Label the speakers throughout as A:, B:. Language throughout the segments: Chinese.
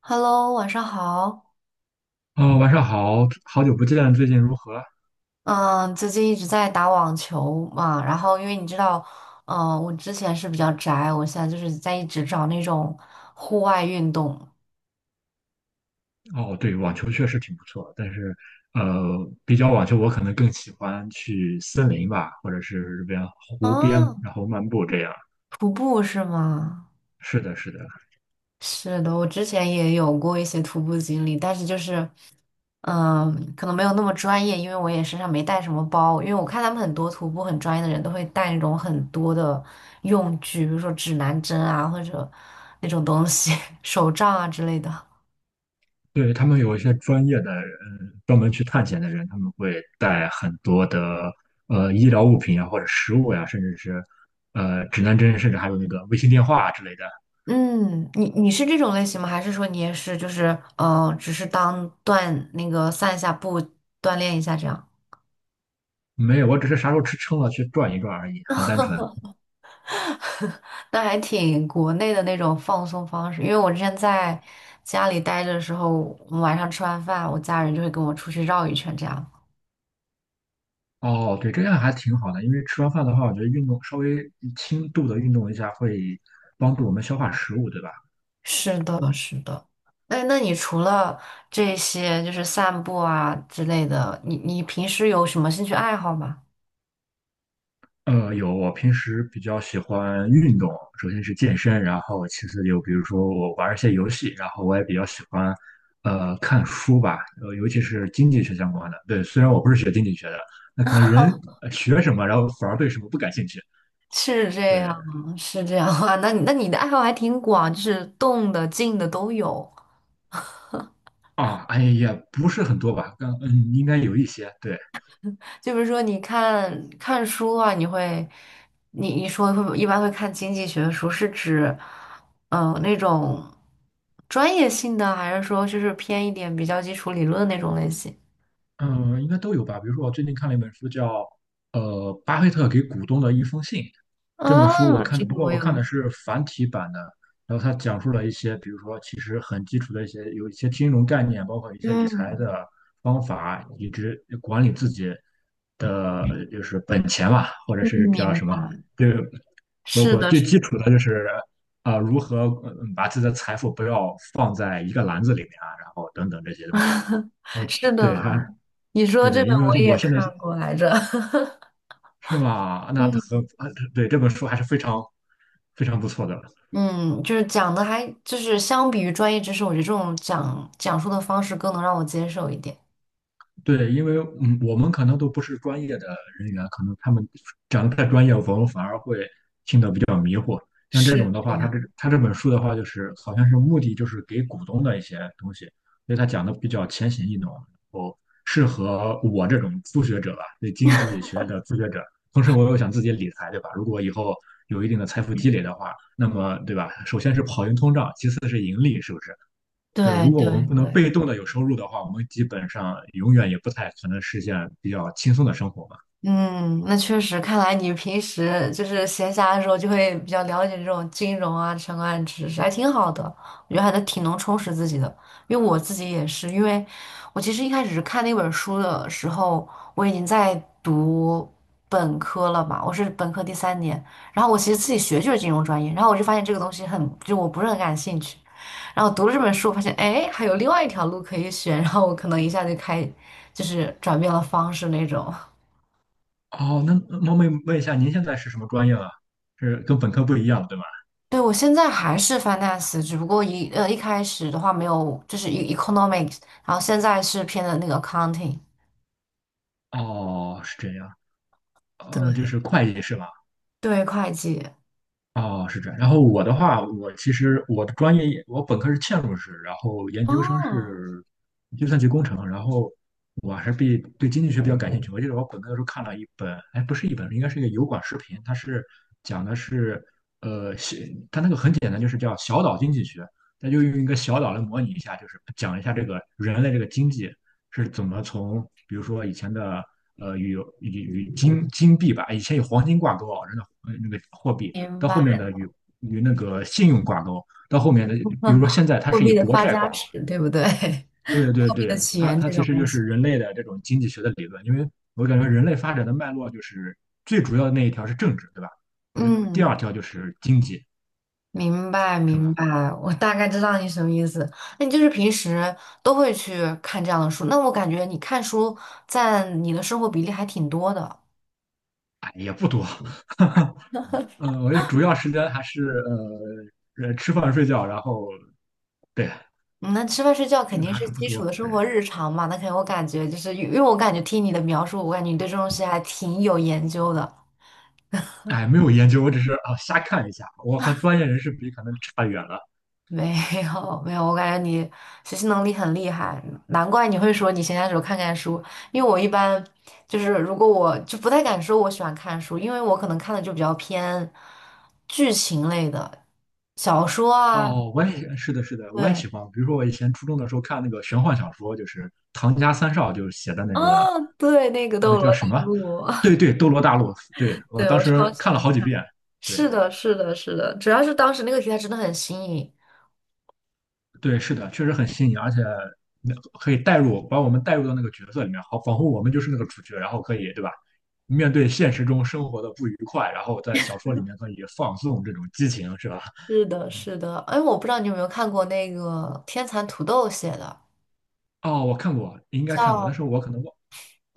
A: Hello，晚上好。
B: 哦，晚上好，好久不见，最近如何？
A: 嗯，最近一直在打网球嘛，然后因为你知道，我之前是比较宅，我现在就是在一直找那种户外运动。
B: 哦，对，网球确实挺不错，但是，比较网球，我可能更喜欢去森林吧，或者是这边湖边，
A: 啊，
B: 然后漫步这样。
A: 徒步是吗？
B: 是的，是的，
A: 是的，我之前也有过一些徒步经历，但是就是，可能没有那么专业，因为我也身上没带什么包，因为我看他们很多徒步很专业的人都会带那种很多的用具，比如说指南针啊，或者那种东西，手杖啊之类的。
B: 对，他们有一些专业的人，专门去探险的人，他们会带很多的医疗物品啊，或者食物呀、甚至是指南针，甚至还有那个卫星电话之类的。
A: 嗯，你是这种类型吗？还是说你也是就是只是当锻那个散一下步，锻炼一下这样？
B: 没有，我只是啥时候吃撑了去转一转而已，很单纯。
A: 那还挺国内的那种放松方式。因为我之前在家里待着的时候，我们晚上吃完饭，我家人就会跟我出去绕一圈这样。
B: 哦，对，这样还挺好的，因为吃完饭的话，我觉得运动稍微轻度的运动一下会帮助我们消化食物，对吧？
A: 是的，是的。那你除了这些就是散步啊之类的，你平时有什么兴趣爱好吗？
B: 有，我平时比较喜欢运动，首先是健身，然后其次就比如说我玩一些游戏，然后我也比较喜欢看书吧，尤其是经济学相关的。对，虽然我不是学经济学的，那可能人学什么，然后反而对什么不感兴趣。
A: 是
B: 对
A: 这样，是这样啊。那你的爱好还挺广，就是动的、静的都有。
B: 啊，哎也不是很多吧，应该有一些。对。
A: 就比如说，你看看书啊，你会，你一般会看经济学书，是指，那种专业性的，还是说就是偏一点比较基础理论的那种类型？
B: 嗯，应该都有吧。比如说，我最近看了一本书叫呃《巴菲特给股东的一封信》。这本书我
A: 啊，
B: 看，
A: 这
B: 不
A: 个
B: 过
A: 我
B: 我
A: 有，
B: 看的是繁体版的。然后他讲述了一些，比如说其实很基础的一些，有一些金融概念，包括一些理财
A: 嗯
B: 的方法，以及管理自己的就是本钱嘛，或者
A: 嗯，
B: 是叫
A: 明
B: 什么，
A: 白。
B: 就是包
A: 是
B: 括
A: 的，
B: 最
A: 是
B: 基础的就是啊、如何把自己的财富不要放在一个篮子里面啊，然后等等这些东西。哦，
A: 是
B: 对，
A: 的，
B: 它
A: 你说
B: 对
A: 这
B: 对，
A: 个
B: 因为
A: 我
B: 我
A: 也
B: 现在是
A: 看过来着。
B: 是吗？那和
A: 嗯。
B: 啊，对这本书还是非常非常不错的。
A: 嗯，就是讲的还就是相比于专业知识，我觉得这种讲述的方式更能让我接受一点。
B: 对，因为嗯，我们可能都不是专业的人员，可能他们讲的太专业，我们反而会像这
A: 是
B: 种的
A: 这
B: 话，他
A: 样。
B: 这他这本书的话，就是好像是目的就是给股东的一些东西，所以他讲的比较浅显易懂，然后适合我这种初学者吧，对经济学的初学者。同时，我又想自己理财，对吧？如果以后有一定的财富积累的话，那么对吧？首先是跑赢通胀，其次是盈利，是不是？
A: 对
B: 对，如果
A: 对
B: 我们不能
A: 对，
B: 被动的有收入的话，我们基本上永远也不太可能实现比较轻松的生活嘛。
A: 嗯，那确实，看来你平时就是闲暇的时候就会比较了解这种金融啊相关的知识，还挺好的。我觉得还得挺能充实自己的，因为我自己也是，因为我其实一开始看那本书的时候，我已经在读本科了嘛，我是本科第三年，然后我其实自己学就是金融专业，然后我就发现这个东西很，就我不是很感兴趣，然后读了这本书，我发现哎，还有另外一条路可以选，然后我可能一下就开，就是转变了方式那种。
B: 哦，那冒昧问一下，您现在是什么专业啊？是跟本科不一样的，对吗？
A: 对，我现在还是 finance，只不过一开始的话没有，就是一 economics，然后现在是偏的那个 accounting，
B: 哦，是这样，就
A: 对，
B: 是会计是吧？
A: 对，会计。
B: 哦，是这样。然后我的话，我其实我的专业我本科是嵌入式，然后研究生
A: 哦，
B: 是计算机工程，然后我还是比对经济学比较感兴趣。我记得我本科的时候看了一本，哎，不是一本，应该是一个油管视频，它是讲的是呃，小它那个很简单，就是叫小岛经济学，它就用一个小岛来模拟一下，就是讲一下这个人类这个经济是怎么从，比如说以前的呃与与金币吧，以前有黄金挂钩啊，人的那个货币。
A: 明
B: 到后
A: 白，
B: 面的与那个信用挂钩，到后面的比如说 现在它
A: 货
B: 是以
A: 币的
B: 国
A: 发
B: 债
A: 家
B: 挂钩。
A: 史，对不对？
B: 对对
A: 货币的
B: 对，
A: 起
B: 它
A: 源
B: 它
A: 这
B: 其
A: 种
B: 实
A: 类
B: 就是
A: 型。
B: 人类的这种经济学的理论，因为我感觉人类发展的脉络就是最主要的那一条是政治，对吧？我觉得第
A: 嗯，
B: 二条就是经济，
A: 明白
B: 是
A: 明
B: 吧？
A: 白，我大概知道你什么意思。那你就是平时都会去看这样的书，那我感觉你看书占你的生活比例还挺多的。
B: 哎，也不多，嗯，我觉得主要时间还是吃饭睡觉，然后对，
A: 嗯那吃饭睡觉
B: 这
A: 肯
B: 个
A: 定
B: 还
A: 是
B: 是不
A: 基础的
B: 多，
A: 生
B: 对，
A: 活日常嘛，那肯定我感觉就是因为我感觉听你的描述，我感觉你对这种东西还挺有研究的。
B: 哎，没有研究，我只是啊瞎看一下，我和专业人士比可能差远了。
A: 没有没有，我感觉你学习能力很厉害，难怪你会说你闲暇时候看看书。因为我一般就是如果我就不太敢说我喜欢看书，因为我可能看的就比较偏剧情类的小说啊，
B: 哦，我也是的，是的，我也
A: 对，
B: 喜欢。比如说，我以前初中的时候看那个玄幻小说，就是唐家三少就写的那个
A: 啊，对，那个
B: 那个
A: 《斗罗
B: 叫什么？
A: 大陆》
B: 对对，《斗罗大陆》。对，我
A: 对
B: 当
A: 我
B: 时
A: 超喜
B: 看了
A: 欢。
B: 好几遍。
A: 是
B: 对
A: 的，是的，是的，主要是当时那个题材真的很新颖。
B: 对，是的，确实很新颖，而且那可以带入，把我们带入到那个角色里面，好，仿佛我们就是那个主角，然后可以，对吧？面对现实中生活的不愉快，然后在小说里面可以放纵这种激情，是吧？
A: 是的，是的，哎，我不知道你有没有看过那个天蚕土豆写的，
B: 哦，我看过，应该看过，但
A: 叫
B: 是我可能忘。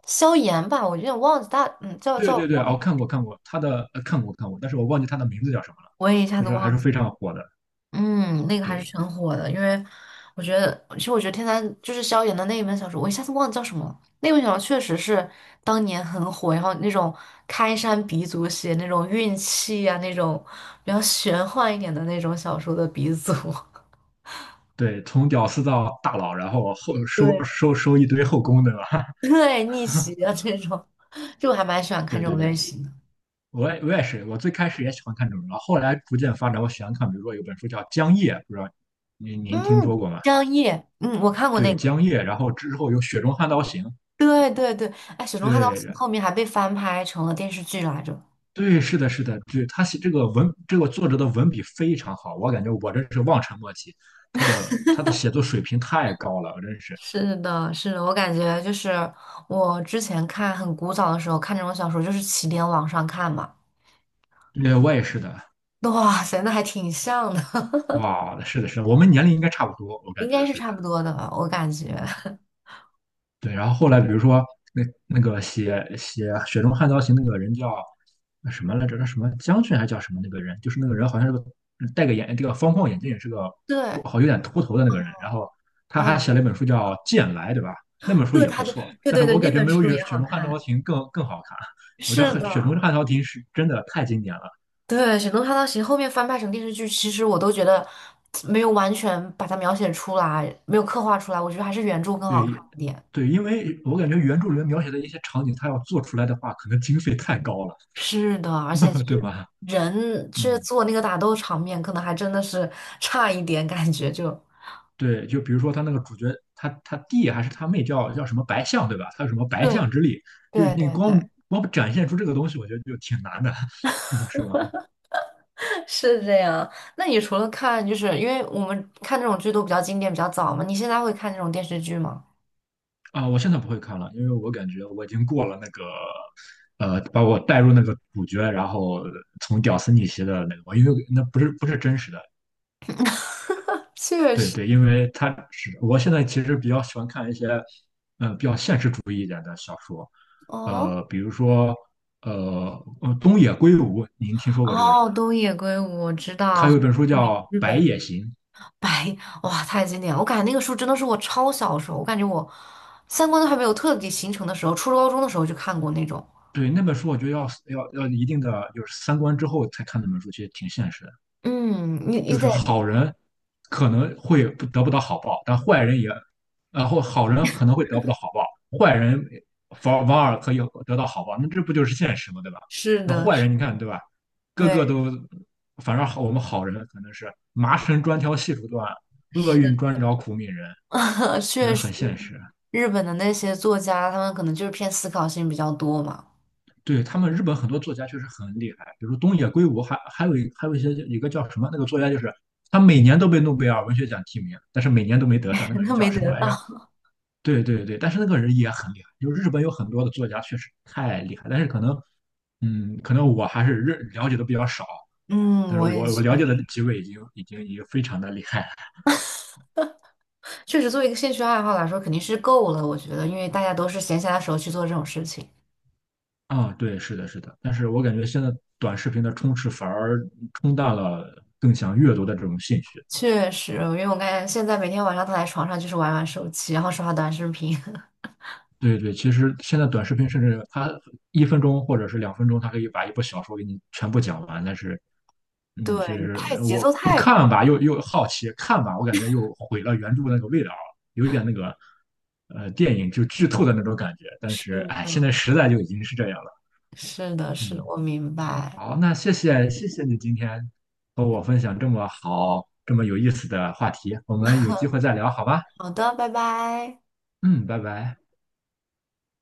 A: 萧炎吧，我有点忘记大，嗯，叫
B: 对
A: 叫，
B: 对对，哦，看过看过，他的看过看过，但是我忘记他的名字叫什么了。
A: 我也一下
B: 但
A: 子
B: 是还
A: 忘
B: 是非
A: 记。
B: 常火的，
A: 嗯，那个还是
B: 对
A: 挺火的，因为我觉得，其实我觉得天蚕就是萧炎的那一本小说，我一下子忘记叫什么了。那本小说确实是当年很火，然后那种开山鼻祖写那种运气呀，那种比较玄幻一点的那种小说的鼻祖。
B: 对，从屌丝到大佬，然后 收
A: 对。
B: 收收一堆后宫，对吧？
A: 对，逆袭啊这种，就我还蛮喜欢 看
B: 对
A: 这
B: 对
A: 种类
B: 对，
A: 型的。
B: 我也是，我最开始也喜欢看这种，然后后来逐渐发展，我喜欢看，比如说有本书叫《江夜》，不知道您听说
A: 嗯，
B: 过吗？
A: 张译，嗯，我看过
B: 对，
A: 那个。
B: 《江夜》，然后之后有《雪中悍刀行》，
A: 对对对，哎，《雪中悍刀行》
B: 对，
A: 后面还被翻拍成了电视剧来着。
B: 对，是的，是的，对，他写这个文，这个作者的文笔非常好，我感觉我真是望尘莫及，他的写作水平太高了，真是。
A: 是的，是的，我感觉就是我之前看很古早的时候看这种小说，就是起点网上看嘛。
B: 对，我也是的，
A: 哇塞，那还挺像的，
B: 哇，是的，是的，我们年龄应该差不多，我感
A: 应
B: 觉，
A: 该是
B: 对的，
A: 差不多的吧，我感觉。
B: 嗯。对，然后后来比如说那个写《雪中悍刀行》那个人叫什么来着？那什么将军还叫什么那个人？就是那个人好像是个戴个这个方框眼镜，是个
A: 对，
B: 好有点秃头的那个人。然后他
A: 啊，
B: 还写了一本书叫《剑来》，对吧？那本书
A: 对，
B: 也
A: 他
B: 不
A: 对，
B: 错，
A: 对
B: 但是
A: 对对，
B: 我
A: 那
B: 感觉
A: 本
B: 没有
A: 书
B: 《雪
A: 也
B: 雪
A: 好
B: 中悍刀
A: 看。
B: 行》更好看。我觉得
A: 是
B: 很《雪中
A: 的。
B: 悍刀行》是真的太经典了。
A: 对，沈东他当时后面翻拍成电视剧，其实我都觉得没有完全把它描写出来，没有刻画出来，我觉得还是原著更好看
B: 对
A: 一点。
B: 对，因为我感觉原著里面描写的一些场景，他要做出来的话，可能经费太高了，
A: 是的，而且是
B: 对吧？
A: 人去
B: 嗯。
A: 做那个打斗场面，可能还真的是 差一点，感觉就
B: 对，就比如说他那个主角，他弟还是他妹叫什么白象，对吧？他有什么 白
A: 对
B: 象之力？就
A: 对
B: 是你
A: 对
B: 光
A: 对，
B: 光展现出这个东西，我觉得就挺难的。嗯，是吧？
A: 是这样。那你除了看，就是因为我们看这种剧都比较经典、比较早嘛，你现在会看这种电视剧吗？
B: 啊，我现在不会看了，因为我感觉我已经过了那个，把我带入那个主角，然后从屌丝逆袭的那个，我因为那不是真实的。
A: 确
B: 对
A: 实，
B: 对，因为他是我现在其实比较喜欢看一些，
A: 哦
B: 比如说东野圭吾，您听说过这个人
A: 哦，
B: 吗？
A: 东野圭吾，我知
B: 他
A: 道，
B: 有
A: 很
B: 一本书
A: 有名
B: 叫
A: 日
B: 《白夜
A: 本。
B: 行》。
A: 白，哇，太经典了！我感觉那个书真的是我超小时候，我感觉我三观都还没有彻底形成的时候，初中高中的时候就看过那种。
B: 对，那本书我觉得要一定的就是三观之后才看那本书，其实挺现实的。
A: 嗯，你
B: 就
A: 你得
B: 是好人可能会不得不到好报，但坏人也，然后好人可能会得不到好报，坏人反而可以得到好报，那这不就是现实吗？对吧？
A: 是
B: 那
A: 的，
B: 坏
A: 是，
B: 人你看对吧，个个
A: 对，
B: 都，反正好我们好人可能是麻绳专挑细处断，厄运专找苦命人，就是
A: 确实，
B: 很现实。
A: 日本的那些作家，他们可能就是偏思考性比较多嘛，
B: 对他们日本很多作家确实很厉害，比如东野圭吾，还有一个叫什么那个作家，就是他每年都被诺贝尔文学奖提名，但是每年都没得上。那个人
A: 那
B: 叫
A: 没
B: 什么
A: 得
B: 来
A: 到。
B: 着？对对对，但是那个人也很厉害。就是日本有很多的作家确实太厉害，但是可能，嗯，可能我还是了解的比较少。
A: 嗯，
B: 但是
A: 我也
B: 我了
A: 确
B: 解的
A: 实
B: 几位已经非常的厉害了
A: 确实作为一个兴趣爱好来说，肯定是够了，我觉得，因为大家都是闲暇的时候去做这种事情。
B: 啊，对，是的，是的。但是我感觉现在短视频的充斥反而冲淡了更想阅读的这种兴趣。
A: 确实，因为我感觉现在每天晚上躺在床上就是玩玩手机，然后刷刷短视频。
B: 对对，其实现在短视频甚至它1分钟或者是2分钟，它可以把一部小说给你全部讲完。但是，嗯，其
A: 对，
B: 实
A: 太节
B: 我
A: 奏
B: 不
A: 太
B: 看
A: 快，
B: 吧，又好奇；看吧，我感觉又毁了原著那个味道，有点那个电影就剧透的那种感觉。但
A: 是
B: 是，哎，现
A: 的，
B: 在时代就已经是这样了。
A: 是的，是的，
B: 嗯，
A: 我明白。
B: 好，那谢谢谢谢你今天和我分享这么好、这么有意思的话题，我们有机会再聊好吗？
A: 好的，拜拜。
B: 嗯，拜拜。